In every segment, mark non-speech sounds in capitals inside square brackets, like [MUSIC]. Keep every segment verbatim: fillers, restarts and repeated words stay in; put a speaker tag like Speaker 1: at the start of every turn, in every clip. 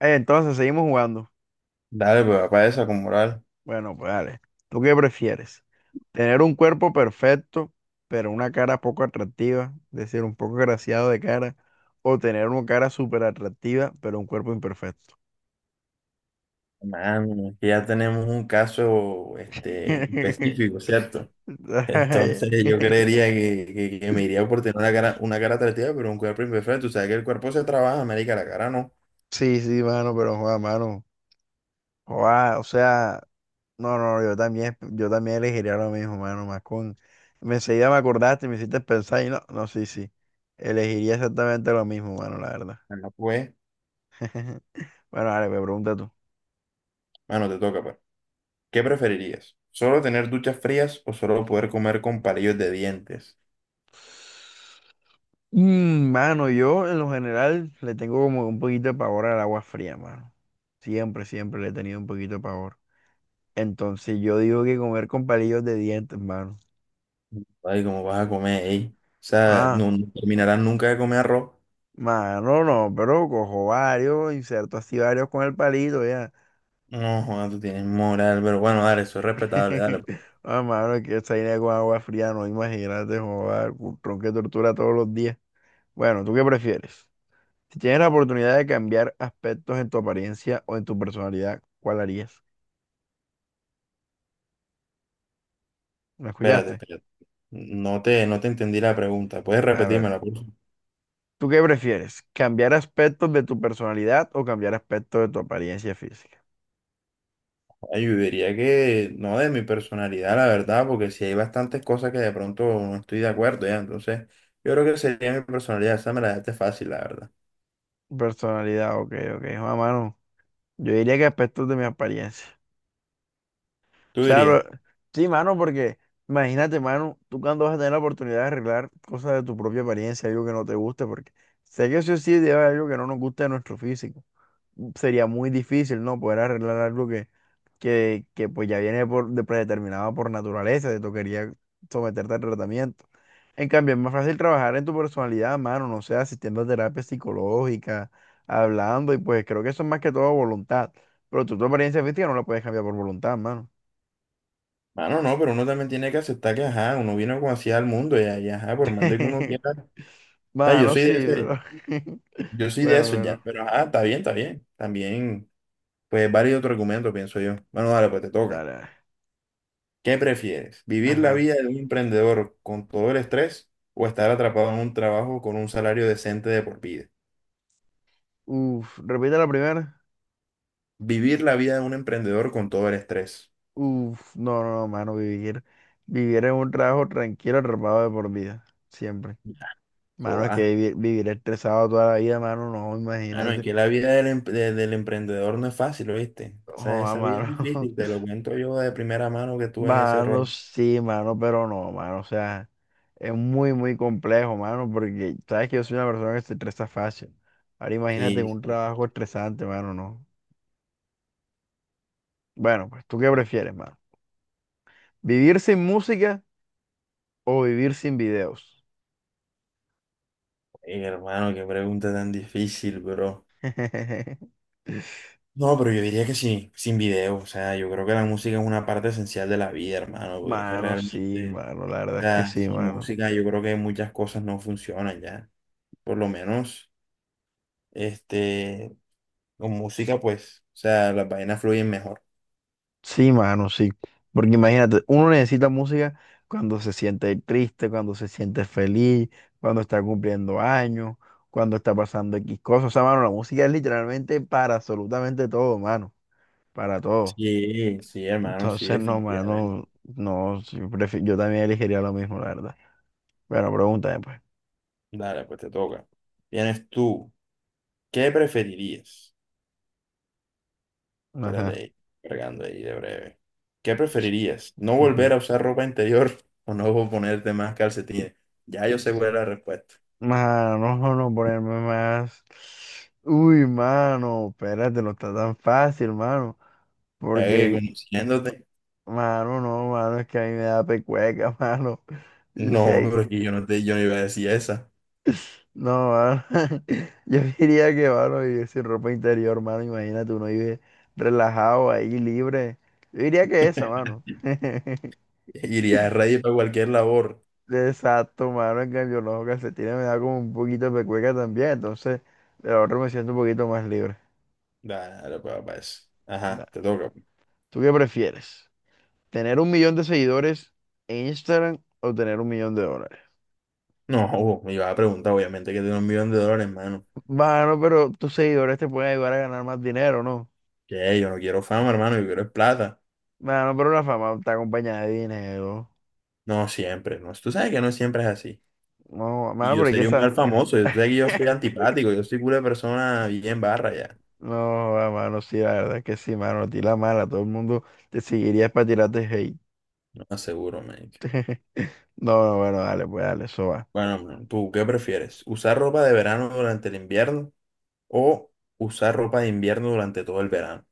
Speaker 1: Eh, Entonces, seguimos jugando.
Speaker 2: Dale, pues para esa con moral.
Speaker 1: Bueno, pues dale. ¿Tú qué prefieres? ¿Tener un cuerpo perfecto, pero una cara poco atractiva? Es decir, un poco graciado de cara. ¿O tener una cara súper atractiva, pero un cuerpo imperfecto?
Speaker 2: Mano, es que ya tenemos un caso este,
Speaker 1: [LAUGHS]
Speaker 2: específico, ¿cierto? [LAUGHS] Entonces yo creería que, que- que me iría por tener una cara, una cara atractiva, pero un cuerpo imperfecto. O sea, que el cuerpo se trabaja, marica, la cara no.
Speaker 1: Sí, sí, mano, pero joda, mano. Joda, o sea, no, no, yo también, yo también elegiría lo mismo, mano, más con. me- Enseguida me acordaste, y me hiciste pensar y no, no, sí, sí. Elegiría exactamente lo mismo, mano, la verdad.
Speaker 2: No pues,
Speaker 1: [LAUGHS] Bueno, vale, me pregunta tú.
Speaker 2: mano, te toca, pues. ¿Qué preferirías? ¿Solo tener duchas frías o solo poder comer con palillos de dientes?
Speaker 1: Mm, mano, yo en lo general le tengo como un poquito de pavor al agua fría, mano. Siempre, siempre le he tenido un poquito de pavor. Entonces yo digo que comer con palillos de dientes, mano.
Speaker 2: Ay, ¿cómo vas a comer, ey? O sea,
Speaker 1: Ah,
Speaker 2: no, no terminarás nunca de comer arroz.
Speaker 1: mano, no, pero cojo varios, inserto así varios con el palito ya.
Speaker 2: No, joder, tú tienes moral, pero bueno, dale, eso es respetable, dale, pues.
Speaker 1: [LAUGHS] Ah, mano, es que esa idea con agua fría, no imagínate, joder, tronque de tortura todos los días. Bueno, ¿tú qué prefieres? Si tienes la oportunidad de cambiar aspectos en tu apariencia o en tu personalidad, ¿cuál harías? ¿Me
Speaker 2: Espérate,
Speaker 1: escuchaste?
Speaker 2: espérate. No te, no te entendí la pregunta. ¿Puedes
Speaker 1: A ver,
Speaker 2: repetírmela, por favor?
Speaker 1: ¿tú qué prefieres? ¿Cambiar aspectos de tu personalidad o cambiar aspectos de tu apariencia física?
Speaker 2: Ay, yo diría que no de mi personalidad, la verdad, porque si hay bastantes cosas que de pronto no estoy de acuerdo, ya. Entonces, yo creo que sería mi personalidad. Esa me la dejaste fácil, la verdad.
Speaker 1: Personalidad, ok, ok. Juan, mano, yo diría que aspectos de mi apariencia. O
Speaker 2: Tú
Speaker 1: sea, lo-
Speaker 2: dirías,
Speaker 1: sí, mano, porque imagínate, mano, tú cuando vas a tener la oportunidad de arreglar cosas de tu propia apariencia, algo que no te guste, porque sé que sí o sí debe haber algo que no nos guste de nuestro físico. Sería muy difícil, ¿no? Poder arreglar algo que, que, que pues ya viene por, de predeterminado por naturaleza, te tocaría someterte al tratamiento. En cambio, es más fácil trabajar en tu personalidad, mano, no sé, asistiendo a terapia psicológica, hablando, y pues creo que eso es más que todo voluntad. Pero tú tu apariencia física no la puedes cambiar por voluntad, mano.
Speaker 2: mano, no, pero uno también tiene que aceptar que, ajá, uno vino como así al mundo, ya, y ajá, por más de que uno
Speaker 1: [LAUGHS]
Speaker 2: quiera. O sea, yo
Speaker 1: Mano,
Speaker 2: soy de
Speaker 1: sí, pero.
Speaker 2: ese,
Speaker 1: [LAUGHS]
Speaker 2: yo soy de
Speaker 1: Bueno,
Speaker 2: eso, ya.
Speaker 1: bueno,
Speaker 2: Pero, ajá, está bien, está bien. También, pues, varios otros argumentos, pienso yo. Bueno, dale, pues te toca.
Speaker 1: dale.
Speaker 2: ¿Qué prefieres? ¿Vivir la
Speaker 1: Ajá.
Speaker 2: vida de un emprendedor con todo el estrés o estar atrapado en un trabajo con un salario decente de por vida?
Speaker 1: Uf, repite la primera.
Speaker 2: Vivir la vida de un emprendedor con todo el estrés.
Speaker 1: Uf, no, no, no, mano, vivir. Vivir en un trabajo tranquilo, atrapado de por vida. Siempre.
Speaker 2: Ya, eso
Speaker 1: Mano, es que
Speaker 2: va.
Speaker 1: vivi- vivir, estresado toda la vida, mano, no,
Speaker 2: Ah, no, es
Speaker 1: imagínate.
Speaker 2: que la vida del, em- de- del emprendedor no es fácil, ¿oíste? Esa,
Speaker 1: Joder,
Speaker 2: esa vida es
Speaker 1: mano.
Speaker 2: difícil, te lo
Speaker 1: [LAUGHS]
Speaker 2: cuento yo de primera mano que estuve en ese
Speaker 1: Mano,
Speaker 2: rol.
Speaker 1: sí, mano, pero no, mano. O sea, es muy, muy complejo, mano, porque sabes que yo soy una persona que se estresa fácil. Ahora imagínate en
Speaker 2: Sí,
Speaker 1: un
Speaker 2: sí, sí,
Speaker 1: trabajo estresante, mano, no. Bueno, pues, ¿tú qué
Speaker 2: sí.
Speaker 1: prefieres, mano? ¿Vivir sin música o vivir sin videos?
Speaker 2: Ey, hermano, qué pregunta tan difícil, bro.
Speaker 1: [LAUGHS]
Speaker 2: No, pero yo diría que sí, sin video. O sea, yo creo que la música es una parte esencial de la vida, hermano, porque es que
Speaker 1: Mano, sí,
Speaker 2: realmente
Speaker 1: mano, la verdad es que
Speaker 2: sea,
Speaker 1: sí,
Speaker 2: sin
Speaker 1: mano.
Speaker 2: música yo creo que muchas cosas no funcionan ya. Por lo menos, este, con música, pues, o sea, las vainas fluyen mejor.
Speaker 1: Sí, mano, sí. Porque imagínate, uno necesita música cuando se siente triste, cuando se siente feliz, cuando está cumpliendo años, cuando está pasando X cosas. O sea, mano, la música es literalmente para absolutamente todo, mano. Para todo.
Speaker 2: Sí, sí, hermano, sí,
Speaker 1: Entonces, no,
Speaker 2: definitivamente.
Speaker 1: mano, no, sí, prefi- yo también elegiría lo mismo, la verdad. Bueno, pregúntame, pues.
Speaker 2: Dale, pues te toca. Vienes tú. ¿Qué preferirías? Espérate
Speaker 1: Ajá.
Speaker 2: ahí, cargando ahí de breve. ¿Qué preferirías? ¿No
Speaker 1: Ujú.
Speaker 2: volver a usar ropa interior [LAUGHS] o no ponerte más calcetines? Ya yo sé cuál es la respuesta.
Speaker 1: Mano, no, no ponerme más. Uy, mano, espérate, no está tan fácil, mano.
Speaker 2: Eh,
Speaker 1: Porque
Speaker 2: conociéndote.
Speaker 1: mano, no, mano, es que a mí me da pecueca, [LAUGHS] mano. Yo sí,
Speaker 2: No,
Speaker 1: ahí-
Speaker 2: pero es que yo no te, yo no iba a decir esa.
Speaker 1: no, mano. [LAUGHS] Yo diría que, mano, vivir sin ropa interior, mano, imagínate, uno vive relajado ahí, libre. Yo diría que esa,
Speaker 2: [LAUGHS]
Speaker 1: mano. [LAUGHS]
Speaker 2: [LAUGHS] Iría a radio para cualquier labor.
Speaker 1: Exacto, mano, en cambio, los calcetines me da como un poquito de pecueca también, entonces, de la otra me siento un poquito más libre.
Speaker 2: Dale, para, para eso.
Speaker 1: Nah.
Speaker 2: Ajá, te toca.
Speaker 1: ¿Tú qué prefieres? ¿Tener un millón de seguidores en Instagram o tener un millón de dólares?
Speaker 2: No, oh, me iba a preguntar, obviamente, que tiene un millón de dólares, hermano.
Speaker 1: Bueno, pero tus seguidores te pueden ayudar a ganar más dinero, ¿no?
Speaker 2: Que hey, yo no quiero fama, hermano, yo quiero es plata.
Speaker 1: Mano, pero la fama está acompañada de dinero.
Speaker 2: No, siempre, no. Tú sabes que no siempre es así.
Speaker 1: No,
Speaker 2: Y
Speaker 1: mano,
Speaker 2: yo
Speaker 1: pero es que
Speaker 2: sería un
Speaker 1: esa.
Speaker 2: mal famoso, tú sabes que yo soy
Speaker 1: [LAUGHS]
Speaker 2: antipático, yo soy una persona bien barra ya.
Speaker 1: No, joda, mano, sí, la verdad es que sí, mano, a ti la mala, todo el mundo te seguiría para tirarte hate.
Speaker 2: No aseguro, man.
Speaker 1: [LAUGHS] No, no, bueno, dale, pues dale, eso va.
Speaker 2: Bueno, man, ¿tú qué prefieres? ¿Usar ropa de verano durante el invierno o usar ropa de invierno durante todo el verano?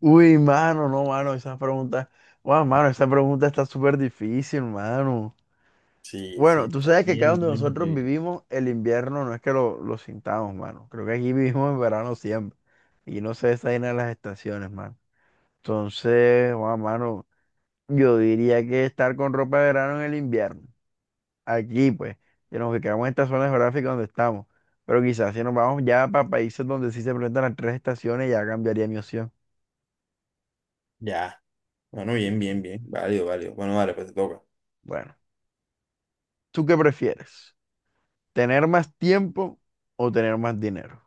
Speaker 1: Uy, mano, no, mano, esa pregunta, wow, mano, esa pregunta está súper difícil, mano.
Speaker 2: Sí, sí,
Speaker 1: Bueno, tú
Speaker 2: está
Speaker 1: sabes que acá
Speaker 2: bien,
Speaker 1: donde
Speaker 2: bien,
Speaker 1: nosotros
Speaker 2: bien.
Speaker 1: vivimos, el invierno no es que lo, lo sintamos, mano. Creo que aquí [LAUGHS] vivimos en verano siempre. Y no se esa vaina de las estaciones, mano. Entonces, wow, mano. Yo diría que estar con ropa de verano en el invierno. Aquí, pues, que nos quedamos en esta zona geográfica donde estamos. Pero quizás si nos vamos ya para países donde sí se presentan las tres estaciones, ya cambiaría mi opción.
Speaker 2: Ya. Bueno,
Speaker 1: Sí,
Speaker 2: bien,
Speaker 1: sí.
Speaker 2: bien, bien. Válido, válido. Bueno, vale, pues te toca.
Speaker 1: Bueno, ¿tú qué prefieres? ¿Tener más tiempo o tener más dinero?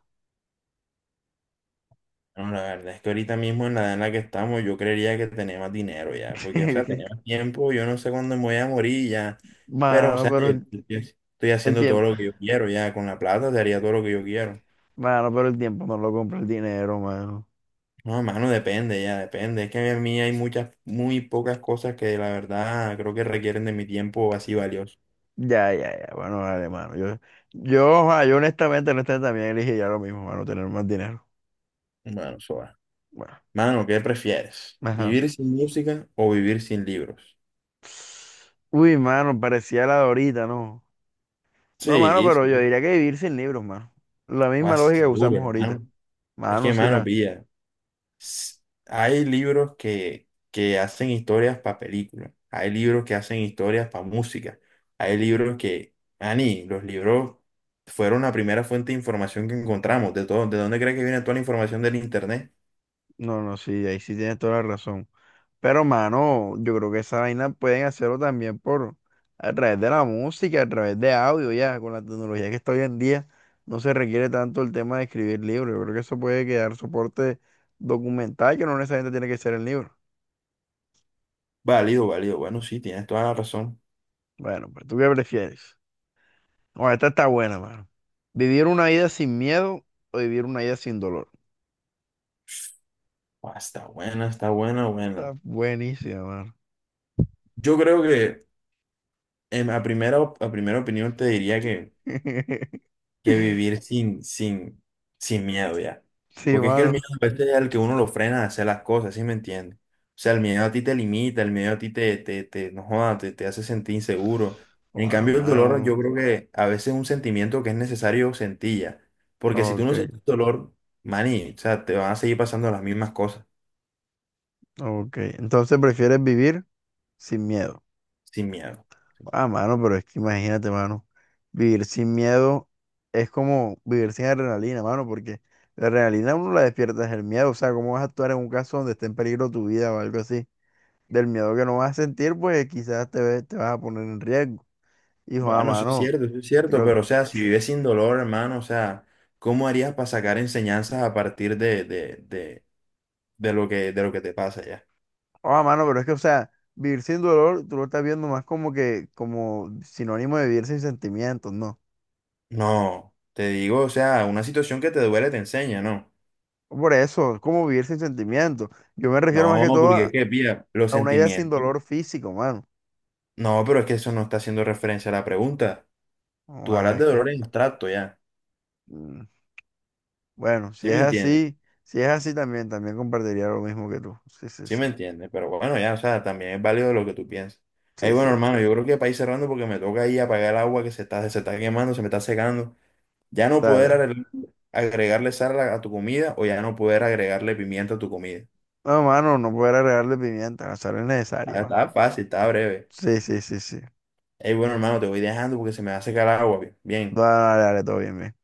Speaker 2: Bueno, la verdad es que ahorita mismo en la edad en la que estamos, yo creería que tenemos dinero ya. Porque, o sea,
Speaker 1: [LAUGHS]
Speaker 2: tenemos tiempo, yo no sé cuándo me voy a morir ya. Pero, o
Speaker 1: Mano,
Speaker 2: sea, yo
Speaker 1: pero el,
Speaker 2: yo estoy estoy
Speaker 1: el
Speaker 2: haciendo todo
Speaker 1: tiempo,
Speaker 2: lo que yo quiero ya. Con la plata te haría todo lo que yo quiero.
Speaker 1: mano, pero el tiempo no lo compra el dinero, mano.
Speaker 2: No, mano, depende ya, depende. Es que a mí hay muchas, muy pocas cosas que la verdad creo que requieren de mi tiempo así valioso.
Speaker 1: Ya, ya, ya, bueno, vale, mano. Yo, yo, ah, yo honestamente, honestamente también elegiría lo mismo, mano, tener más dinero.
Speaker 2: Bueno, Soa.
Speaker 1: Bueno,
Speaker 2: Mano, ¿qué prefieres?
Speaker 1: ajá.
Speaker 2: ¿Vivir sin música o vivir sin libros?
Speaker 1: Uy, mano, parecía la de ahorita, ¿no? No, mano,
Speaker 2: Sí,
Speaker 1: pero yo
Speaker 2: sí,
Speaker 1: diría que vivir sin libros, mano. La
Speaker 2: lo
Speaker 1: misma lógica que
Speaker 2: aseguro,
Speaker 1: usamos ahorita.
Speaker 2: hermano. Es
Speaker 1: Mano,
Speaker 2: que,
Speaker 1: sí
Speaker 2: mano,
Speaker 1: la...
Speaker 2: pilla, s- hay libros que, que hacen historias para películas, hay libros que hacen historias para música, hay libros que, Ani, los libros fueron la primera fuente de información que encontramos, de todo, ¿de dónde crees que viene toda la información del internet?
Speaker 1: No, no, sí, ahí sí tienes toda la razón. Pero, mano, yo creo que esa vaina pueden hacerlo también por... A través de la música, a través de audio, ya. Con la tecnología que está hoy en día, no se requiere tanto el tema de escribir libros. Yo creo que eso puede quedar soporte documental que no necesariamente tiene que ser el libro.
Speaker 2: Válido, válido, bueno, sí, tienes toda la razón.
Speaker 1: Bueno, pues, ¿tú qué prefieres? Oh, esta está buena, mano. ¿Vivir una vida sin miedo o vivir una vida sin dolor?
Speaker 2: Ah, está buena, está buena, buena.
Speaker 1: Está buenísima, mano.
Speaker 2: Yo creo que, en, a primera, op- a primera opinión te diría que
Speaker 1: [LAUGHS]
Speaker 2: que vivir sin, sin, sin miedo ya.
Speaker 1: Sí,
Speaker 2: Porque es que el
Speaker 1: mano.
Speaker 2: miedo a veces es el que uno lo frena a hacer las cosas, ¿sí me entiendes? O sea, el miedo a ti te limita, el miedo a ti te, te, te, no joda, te, te hace sentir inseguro. En
Speaker 1: Ah,
Speaker 2: cambio, el dolor
Speaker 1: mano.
Speaker 2: yo creo que a veces es un sentimiento que es necesario sentir ya. Porque si tú no
Speaker 1: Ok,
Speaker 2: sientes dolor, maní, o sea, te van a seguir pasando las mismas cosas
Speaker 1: ok. Entonces prefieres vivir sin miedo.
Speaker 2: sin miedo.
Speaker 1: Ah, mano, pero es que imagínate, mano. Vivir sin miedo es como vivir sin adrenalina, mano, porque la adrenalina uno la despierta es el miedo. O sea, ¿cómo vas a actuar en un caso donde esté en peligro tu vida o algo así? Del miedo que no vas a sentir, pues quizás te, ve- te vas a poner en riesgo. Hijo, a
Speaker 2: Bueno, eso es
Speaker 1: mano,
Speaker 2: cierto, eso es cierto,
Speaker 1: creo,
Speaker 2: pero o sea, si vives sin dolor, hermano, o sea, ¿cómo harías para sacar enseñanzas a partir de, de, de, de lo que, de lo que te pasa ya.
Speaker 1: a mano, pero es que, o sea, vivir sin dolor, tú lo estás viendo más como que, como sinónimo de vivir sin sentimientos, ¿no?
Speaker 2: No, te digo, o sea, una situación que te duele te enseña, ¿no?
Speaker 1: Por eso, es como vivir sin sentimientos. Yo me refiero más que
Speaker 2: No,
Speaker 1: todo
Speaker 2: porque
Speaker 1: a,
Speaker 2: es que, pilla, los
Speaker 1: a una idea sin
Speaker 2: sentimientos.
Speaker 1: dolor físico, mano.
Speaker 2: No, pero es que eso no está haciendo referencia a la pregunta.
Speaker 1: Oh,
Speaker 2: Tú
Speaker 1: Ah,
Speaker 2: hablas
Speaker 1: es
Speaker 2: de
Speaker 1: que,
Speaker 2: dolor en abstracto ya.
Speaker 1: mm, bueno, si
Speaker 2: ¿Sí
Speaker 1: es
Speaker 2: me entiendes?
Speaker 1: así, si es así también, también compartiría lo mismo que tú. Sí, sí,
Speaker 2: Sí
Speaker 1: sí,
Speaker 2: me entiendes, pero bueno, ya, o sea, también es válido lo que tú piensas. Ahí
Speaker 1: sí, sí,
Speaker 2: bueno, hermano, yo creo que para ir cerrando porque me toca ahí apagar el agua que se está, se está quemando, se me está secando. Ya no poder
Speaker 1: dale.
Speaker 2: arregl- agregarle sal a a tu comida o ya no poder agregarle pimienta a tu comida.
Speaker 1: No, mano, no poder agregarle pimienta, la sal es necesaria,
Speaker 2: Ah,
Speaker 1: mano.
Speaker 2: está fácil, está breve.
Speaker 1: Sí, sí, sí, sí.
Speaker 2: Ey, bueno, hermano, te voy dejando porque se me va a secar el agua. Bien.
Speaker 1: Dale, dale, dale, todo bien, bien.